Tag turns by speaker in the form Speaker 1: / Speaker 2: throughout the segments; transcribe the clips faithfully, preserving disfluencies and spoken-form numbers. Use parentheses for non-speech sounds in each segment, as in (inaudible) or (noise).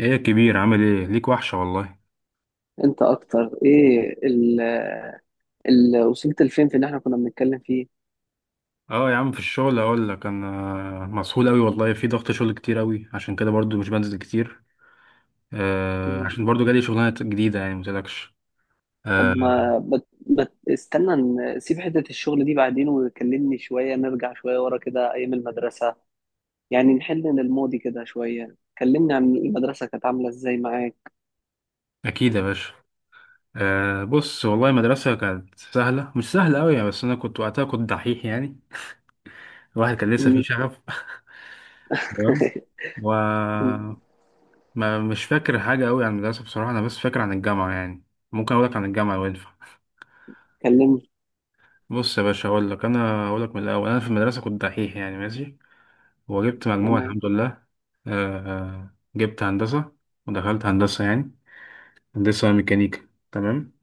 Speaker 1: ايه يا كبير، عامل ايه؟ ليك وحشة والله.
Speaker 2: انت اكتر ايه ال ال وصلت لفين في ان احنا كنا بنتكلم فيه.
Speaker 1: اه يا عم، في الشغل اقول لك انا مسحول قوي والله، في ضغط شغل كتير قوي، عشان كده برضو مش بنزل كتير. آه،
Speaker 2: مم.
Speaker 1: عشان برضو جالي شغلانة جديدة يعني متقلقش.
Speaker 2: طب
Speaker 1: آه،
Speaker 2: ما بت بت استنى، نسيب حتة الشغل دي بعدين وكلمني شوية، نرجع شوية ورا كده ايام المدرسة، يعني نحل من الماضي كده شوية، كلمني عن المدرسة كانت عاملة ازاي معاك.
Speaker 1: اكيد يا باشا. آه، بص والله المدرسة كانت سهلة، مش سهلة قوي يعني، بس انا كنت وقتها كنت دحيح يعني. الواحد كان لسه فيه
Speaker 2: مم.
Speaker 1: شغف. (laughs) تمام. و
Speaker 2: (laughs) مم.
Speaker 1: ما مش فاكر حاجة قوي عن المدرسة بصراحة، انا بس فاكر عن الجامعة يعني. ممكن اقول لك عن الجامعة لو ينفع؟
Speaker 2: كلمني.
Speaker 1: بص يا باشا، اقول لك انا اقول لك من الاول، انا في المدرسه كنت دحيح يعني ماشي، وجبت مجموعه
Speaker 2: تمام،
Speaker 1: الحمد لله. آه، آه، جبت هندسه، ودخلت هندسه يعني، هندسه ميكانيكا تمام.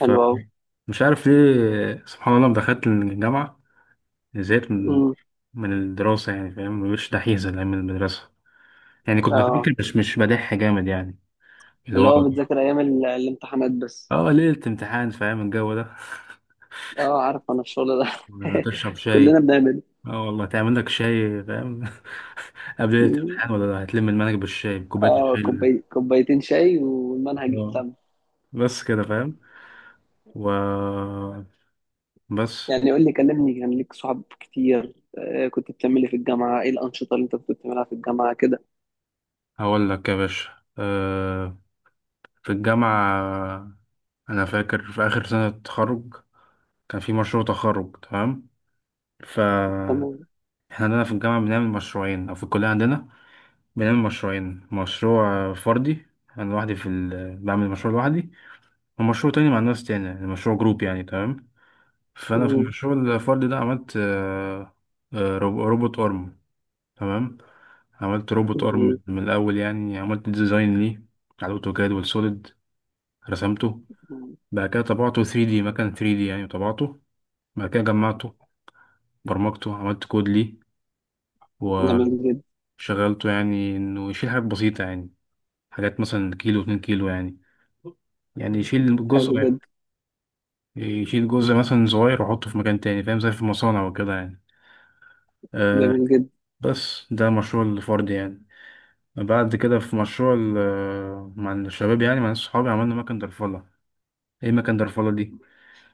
Speaker 2: حلو اوي.
Speaker 1: عارف ليه، سبحان الله، لما دخلت الجامعه زهقت من
Speaker 2: مم.
Speaker 1: من الدراسه يعني، فاهم؟ مش دحيح زي ايام المدرسه يعني، كنت
Speaker 2: اه،
Speaker 1: بذاكر مش مش بدح جامد يعني. اللي
Speaker 2: اللي
Speaker 1: هو
Speaker 2: هو بتذاكر ايام ال- الامتحانات بس.
Speaker 1: اه، ليله امتحان، فاهم الجو ده؟
Speaker 2: اه عارف انا الشغل ده.
Speaker 1: (laughs) تشرب
Speaker 2: (laughs)
Speaker 1: شاي؟
Speaker 2: كلنا بنعمل.
Speaker 1: اه والله، تعمل لك شاي فاهم. (laughs) قبل الامتحان، ولا هتلم المنهج بالشاي، بكوباية
Speaker 2: اه
Speaker 1: الشاي اللي-
Speaker 2: كوباي... كوبايتين شاي والمنهج
Speaker 1: اه
Speaker 2: يتلم.
Speaker 1: بس كده فاهم. و بس.
Speaker 2: يعني قول لي، كلمني، كان ليك صحاب كتير؟ آه، كنت بتعملي في الجامعة ايه؟ الأنشطة اللي انت كنت بتعملها في الجامعة كده.
Speaker 1: هقول لك يا باشا. أه في الجامعة، أنا فاكر في آخر سنة تخرج كان في مشروع تخرج تمام. ف
Speaker 2: تمام.
Speaker 1: احنا عندنا في الجامعة بنعمل مشروعين، أو في الكلية عندنا بنعمل مشروعين، مشروع فردي أنا لوحدي في ال... بعمل مشروع لوحدي، ومشروع تاني مع ناس تانية يعني مشروع جروب يعني تمام. فانا في
Speaker 2: مم.
Speaker 1: الشغل الفردي ده عملت آه، آه، رو- روبوت ارم تمام. عملت روبوت
Speaker 2: جميل.
Speaker 1: ارم من الاول يعني، عملت ديزاين ليه على الاوتوكاد والسوليد، رسمته.
Speaker 2: مم.
Speaker 1: بعد كده طبعته ثري دي، مكان ثري دي يعني طبعته. بعد كده جمعته، برمجته، عملت كود ليه،
Speaker 2: جميل جدا.
Speaker 1: وشغلته يعني انه يشيل حاجات بسيطة يعني. حاجات مثلا كيلو، اتنين كيلو يعني يعني يشيل جزء
Speaker 2: حلو جدا.
Speaker 1: يشيل جزء مثلا صغير واحطه في مكان تاني، فاهم؟ زي في المصانع وكده يعني. آه،
Speaker 2: جميل جدا.
Speaker 1: بس ده مشروع الفرد يعني. بعد كده في مشروع ال- مع الشباب، يعني مع ناس صحابي، عملنا مكن درفلة. ايه مكن درفلة دي؟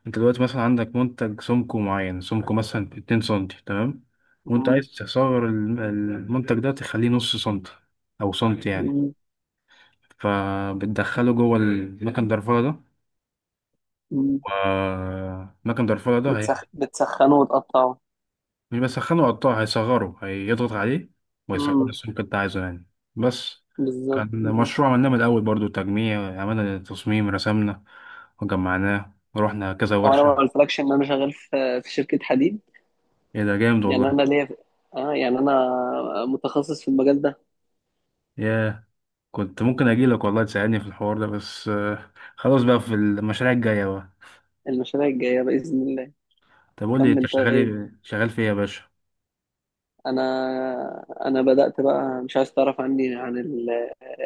Speaker 1: انت دلوقتي مثلا عندك منتج سمكه معين، سمكه مثلا اتنين سنتي تمام. وانت
Speaker 2: مم.
Speaker 1: عايز تصغر الم- المنتج ده، تخليه نص سنتي او سنتي يعني.
Speaker 2: مم.
Speaker 1: فبتدخله جوه المكن درفلة ده،
Speaker 2: مم.
Speaker 1: ومكن درفلة ده هي-
Speaker 2: بتسخ... بتسخنوا وتقطعوا؟
Speaker 1: مش بسخنه، قطاع هيصغره، هيضغط عليه ويصغر
Speaker 2: مم.
Speaker 1: السمك اللي انت عايزه يعني. بس.
Speaker 2: بالظبط.
Speaker 1: كان
Speaker 2: مم.
Speaker 1: مشروع عملناه من الأول برضو، تجميع، عملنا تصميم، رسمنا وجمعناه ورحنا كذا
Speaker 2: هو انا ما
Speaker 1: ورشة.
Speaker 2: قلتلكش ان انا شغال في في شركة حديد،
Speaker 1: ايه ده جامد والله.
Speaker 2: يعني انا ليا، اه يعني انا متخصص في المجال ده.
Speaker 1: ياه. كنت ممكن أجيلك والله تساعدني في الحوار ده، بس آه، خلاص بقى، في المشاريع الجاية بقى.
Speaker 2: المشاريع الجاية بإذن الله.
Speaker 1: طب قول لي انت
Speaker 2: كمل
Speaker 1: شغال
Speaker 2: طيب،
Speaker 1: إيه؟ شغال في ايه يا باشا؟
Speaker 2: انا انا بدات بقى، مش عايز تعرف عني عن ال-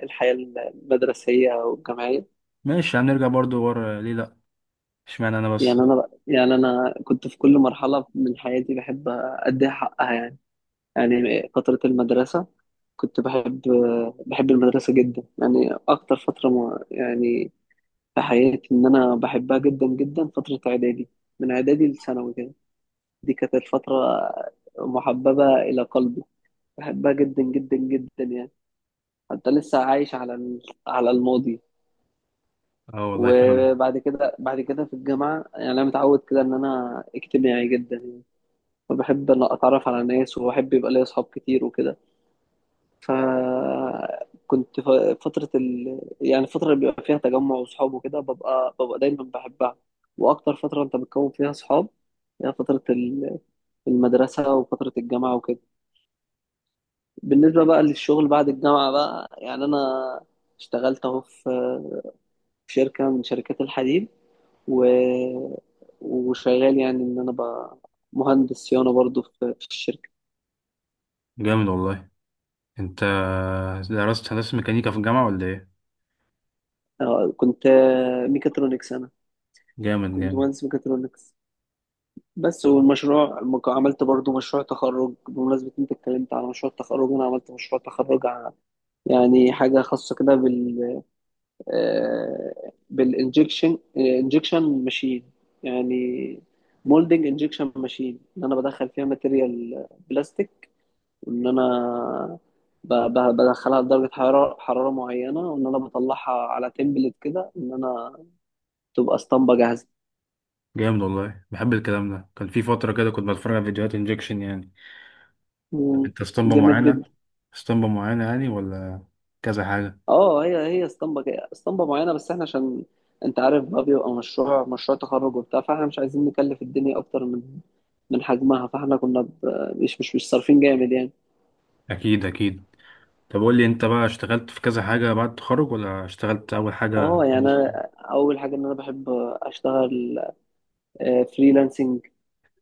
Speaker 2: الحياه المدرسيه والجامعيه؟
Speaker 1: ماشي هنرجع برضو ورا ليه، لأ. اشمعنى أنا بس.
Speaker 2: يعني انا بقى، يعني انا كنت في كل مرحله من حياتي بحب اديها حقها، يعني يعني فتره المدرسه كنت بحب، بحب المدرسه جدا يعني، اكتر فتره م- يعني في حياتي ان انا بحبها جدا جدا فتره اعدادي، من اعدادي لثانوي كده، دي كانت الفتره محببه الى قلبي، بحبها جدا جدا جدا يعني. انت لسه عايش على ال- على الماضي.
Speaker 1: اه والله فاهم.
Speaker 2: وبعد كده، بعد كده في الجامعه، يعني انا متعود كده ان انا اجتماعي جدا، وبحب ان اتعرف على ناس، وبحب يبقى لي اصحاب كتير وكده. ف كنت ف- فتره ال... يعني الفتره اللي بيبقى فيها تجمع وصحاب وكده ببقى، ببقى دايما بحبها. واكتر فتره انت بتكون فيها صحاب هي فتره ال- المدرسه وفتره الجامعه وكده. بالنسبه بقى للشغل بعد الجامعه بقى، يعني انا اشتغلت اهو في في شركه من شركات الحديد، و... وشغال، يعني ان انا ب... مهندس صيانه برضو في في الشركه.
Speaker 1: جامد والله. انت درست هندسة ميكانيكا في الجامعة ولا ايه؟
Speaker 2: آه، كنت آه، ميكاترونكس انا،
Speaker 1: جامد
Speaker 2: كنت
Speaker 1: جامد.
Speaker 2: مهندس ميكاترونكس بس. والمشروع م- عملت برضو مشروع تخرج، بمناسبة انت اتكلمت على مشروع التخرج، انا عملت مشروع تخرج ع- يعني حاجة خاصة كده بال آه، بالانجكشن، انجكشن ماشين يعني. مولدنج انجكشن ماشين ان انا بدخل فيها ماتيريال بلاستيك، وان انا ب- ب- بدخلها لدرجه حراره، حراره معينه، وان انا بطلعها على تمبلت كده، ان انا تبقى اسطمبه جاهزه.
Speaker 1: جامد والله، بحب الكلام ده. كان في فترة كده كنت بتفرج على فيديوهات انجكشن يعني.
Speaker 2: مم.
Speaker 1: انت اسطمبة
Speaker 2: جامد
Speaker 1: معينة؟
Speaker 2: جدا.
Speaker 1: اسطمبة معينة يعني ولا كذا حاجة؟
Speaker 2: اه، هي هي اسطمبه جا- اسطمبه معينه، بس احنا عشان انت عارف بقى، بيبقى مشروع مشروع تخرج وبتاع، فاحنا مش عايزين نكلف الدنيا اكتر من من حجمها، فاحنا كنا ب- مش مش مش صارفين جامد يعني.
Speaker 1: أكيد أكيد. طب قول لي أنت بقى، اشتغلت في كذا حاجة بعد التخرج ولا اشتغلت أول حاجة؟
Speaker 2: اه، يعني أنا اول حاجه ان انا بحب اشتغل فريلانسنج،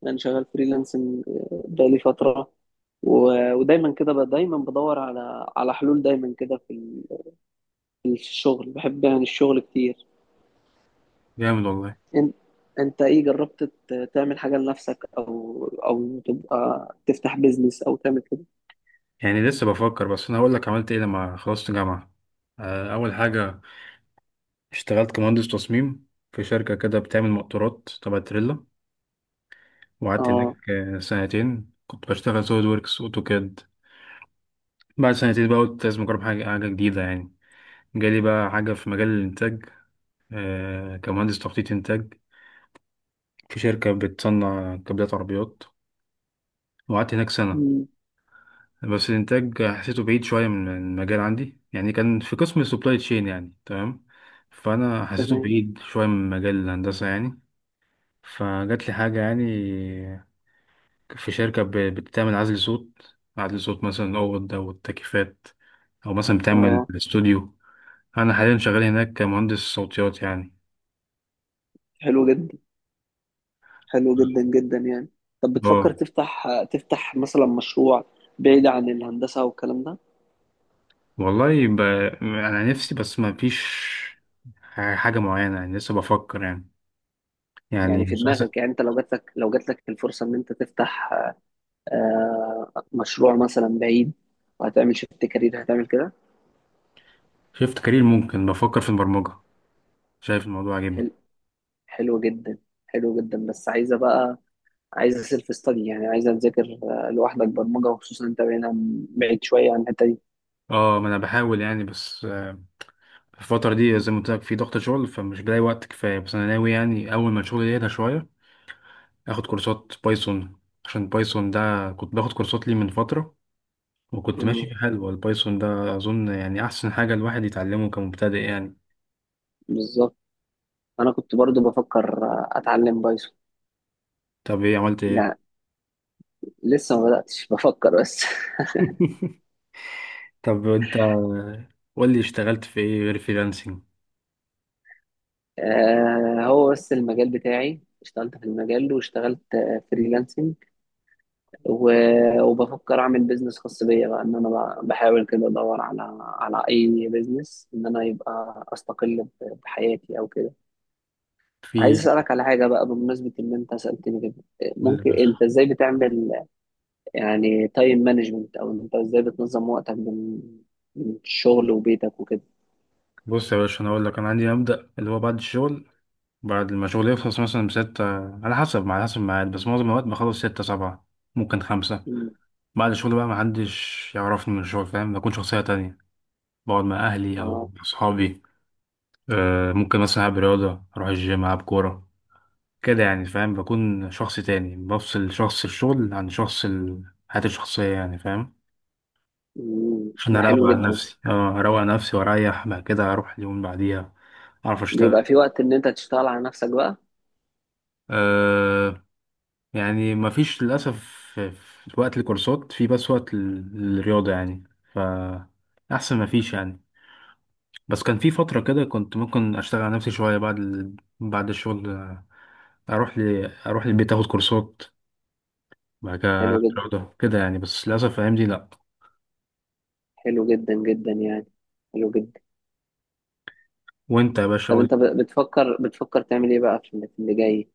Speaker 2: انا شغال فريلانسنج بقالي فتره، و- ودايما كده ب- دايما بدور على على حلول دايما كده في ال- في الشغل، بحب يعني الشغل كتير.
Speaker 1: جامد والله.
Speaker 2: انت، انت ايه؟ جربت ت- تعمل حاجه لنفسك او او تبقى تفتح بيزنس او تعمل كده؟
Speaker 1: يعني لسه بفكر، بس أنا هقول لك عملت إيه لما خلصت جامعة. آه، أول حاجة اشتغلت كمهندس تصميم في شركة كده بتعمل مقطورات تبع تريلا، وقعدت
Speaker 2: اه.
Speaker 1: هناك آه، سنتين، كنت بشتغل سوليد ووركس أوتوكاد. بعد سنتين بقى قلت لازم أجرب حاجة حاجة جديدة يعني. جالي بقى حاجة في مجال الإنتاج. آه كمهندس تخطيط إنتاج في شركة بتصنع كابلات عربيات، وقعدت هناك سنة.
Speaker 2: مم.
Speaker 1: بس الإنتاج حسيته بعيد شوية من من المجال عندي يعني، كان في قسم السبلاي تشين يعني تمام. فأنا حسيته
Speaker 2: تمام.
Speaker 1: بعيد شوية من مجال الهندسة يعني. فجات لي حاجة يعني، في شركة ب- بتعمل عزل صوت، عزل صوت مثلا أوض أو التكييفات، أو مثلا بتعمل
Speaker 2: اه.
Speaker 1: استوديو. أنا حاليا شغال هناك كمهندس صوتيات يعني.
Speaker 2: حلو جدا. حلو جدا جدا يعني. طب بتفكر
Speaker 1: اه
Speaker 2: تفتح، تفتح مثلا مشروع بعيد عن الهندسه والكلام ده؟
Speaker 1: والله ب... انا نفسي، بس ما فيش حاجه معينه يعني، لسه بفكر يعني. يعني
Speaker 2: يعني في
Speaker 1: مش عايز.
Speaker 2: دماغك؟ يعني انت لو جات لك، لو جات لك الفرصه ان انت تفتح آه، مشروع مثلا بعيد، وهتعمل شيفت كارير، هتعمل كده؟
Speaker 1: شفت كارير ممكن، بفكر في البرمجه، شايف الموضوع عاجبني.
Speaker 2: حلو، حلو جدا، حلو جدا، بس عايزه بقى، عايزه سيلف ستادي، يعني عايزه تذاكر آه، لوحدك برمجه، وخصوصا انت هنا بعيد شويه عن الحته دي.
Speaker 1: اه ما انا بحاول يعني، بس آه، في الفتره دي زي ما قلت لك في ضغط شغل، فمش بلاقي وقت كفايه، بس انا ناوي يعني اول ما الشغل يهدى شويه اخد كورسات بايثون. عشان بايثون ده كنت باخد كورسات ليه من فتره، وكنت
Speaker 2: مم،
Speaker 1: ماشي في حلوه. البايثون ده اظن يعني احسن حاجه الواحد يتعلمه كمبتدئ يعني.
Speaker 2: بالظبط، انا كنت برضو بفكر آه، اتعلم بايثون
Speaker 1: طب ايه عملت ايه؟
Speaker 2: يعني، لسه ما بداتش، بفكر بس. (laughs)
Speaker 1: (laughs) طب انت قول لي، اشتغلت في ايه غير فريلانسنج؟
Speaker 2: آه، هو بس المجال بتاعي، اشتغلت في المجال واشتغلت فريلانسنج، و- وبفكر اعمل بيزنس خاص بيا بقى، ان انا ب- بحاول كده ادور على على اي بيزنس ان انا يبقى استقل ب- بحياتي او كده.
Speaker 1: في.
Speaker 2: عايز اسالك على حاجه بقى، بمناسبه ان انت سالتني كده،
Speaker 1: قول لي يا
Speaker 2: ممكن انت
Speaker 1: باشا.
Speaker 2: ازاي بتعمل، يعني تايم مانجمنت، او انت ازاي بتنظم وقتك بين، بين الشغل وبيتك وكده؟
Speaker 1: بص يا باشا، انا اقول لك انا عندي مبدأ اللي هو بعد الشغل، بعد ما شغلي يخلص مثلا بستة، على حسب على حسب الميعاد، بس معظم الوقت بخلص ستة سبعة، ممكن خمسة.
Speaker 2: مم.
Speaker 1: بعد الشغل بقى محدش يعرفني من الشغل، فاهم؟ بكون شخصية تانية، بقعد مع أهلي أو
Speaker 2: اه.
Speaker 1: أصحابي. آه ممكن مثلا ألعب رياضة، أروح الجيم، ألعب كورة، كده يعني، فاهم؟ بكون شخص تاني، بفصل شخص الشغل عن شخص ال- حياتي الشخصية يعني، فاهم؟
Speaker 2: مم.
Speaker 1: عشان
Speaker 2: ده حلو
Speaker 1: اروق عن
Speaker 2: جدا.
Speaker 1: نفسي. اه، اروق عن نفسي واريح، بعد كده اروح اليوم اللي بعديها اعرف اشتغل.
Speaker 2: بيبقى في وقت ان انت تشتغل على نفسك بقى؟
Speaker 1: أه، يعني مفيش للاسف. في في وقت الكورسات، في بس وقت ال- الرياضه يعني. ف احسن مفيش يعني. بس كان في فتره كده كنت ممكن اشتغل على نفسي شويه بعد ال... بعد الشغل، آه، اروح ل... اروح البيت اخد كورسات، بعد كده
Speaker 2: حلو جدا.
Speaker 1: رياضه كده يعني، بس للاسف الايام دي لا.
Speaker 2: حلو جدا جدا يعني. حلو جدا.
Speaker 1: وانت يا باشا
Speaker 2: طب
Speaker 1: قول.
Speaker 2: انت ب- بتفكر بتفكر تعمل ايه بقى في اللي، في اللي جاي؟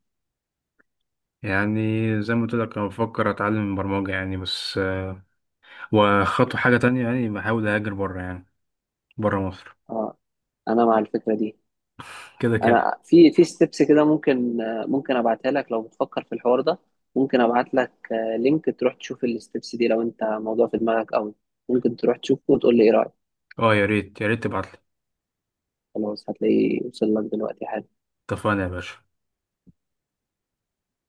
Speaker 1: يعني زي ما قلت لك انا بفكر اتعلم برمجه يعني بس، وخطوة حاجة تانية يعني بحاول أهاجر بره يعني، بره مصر.
Speaker 2: اه، انا مع الفكره دي.
Speaker 1: كده كده.
Speaker 2: انا في في ستيبس كده، ممكن آه، ممكن ابعتها لك، لو بتفكر في الحوار ده ممكن ابعت لك آه، لينك تروح تشوف الستيبس دي، لو انت موضوع في دماغك قوي ممكن تروح تشوفه وتقول لي ايه رايك.
Speaker 1: اه يا ريت، يا ريت تبعتلي.
Speaker 2: خلاص، هتلاقيه وصل لك دلوقتي حالا.
Speaker 1: اتفقنا يا باشا.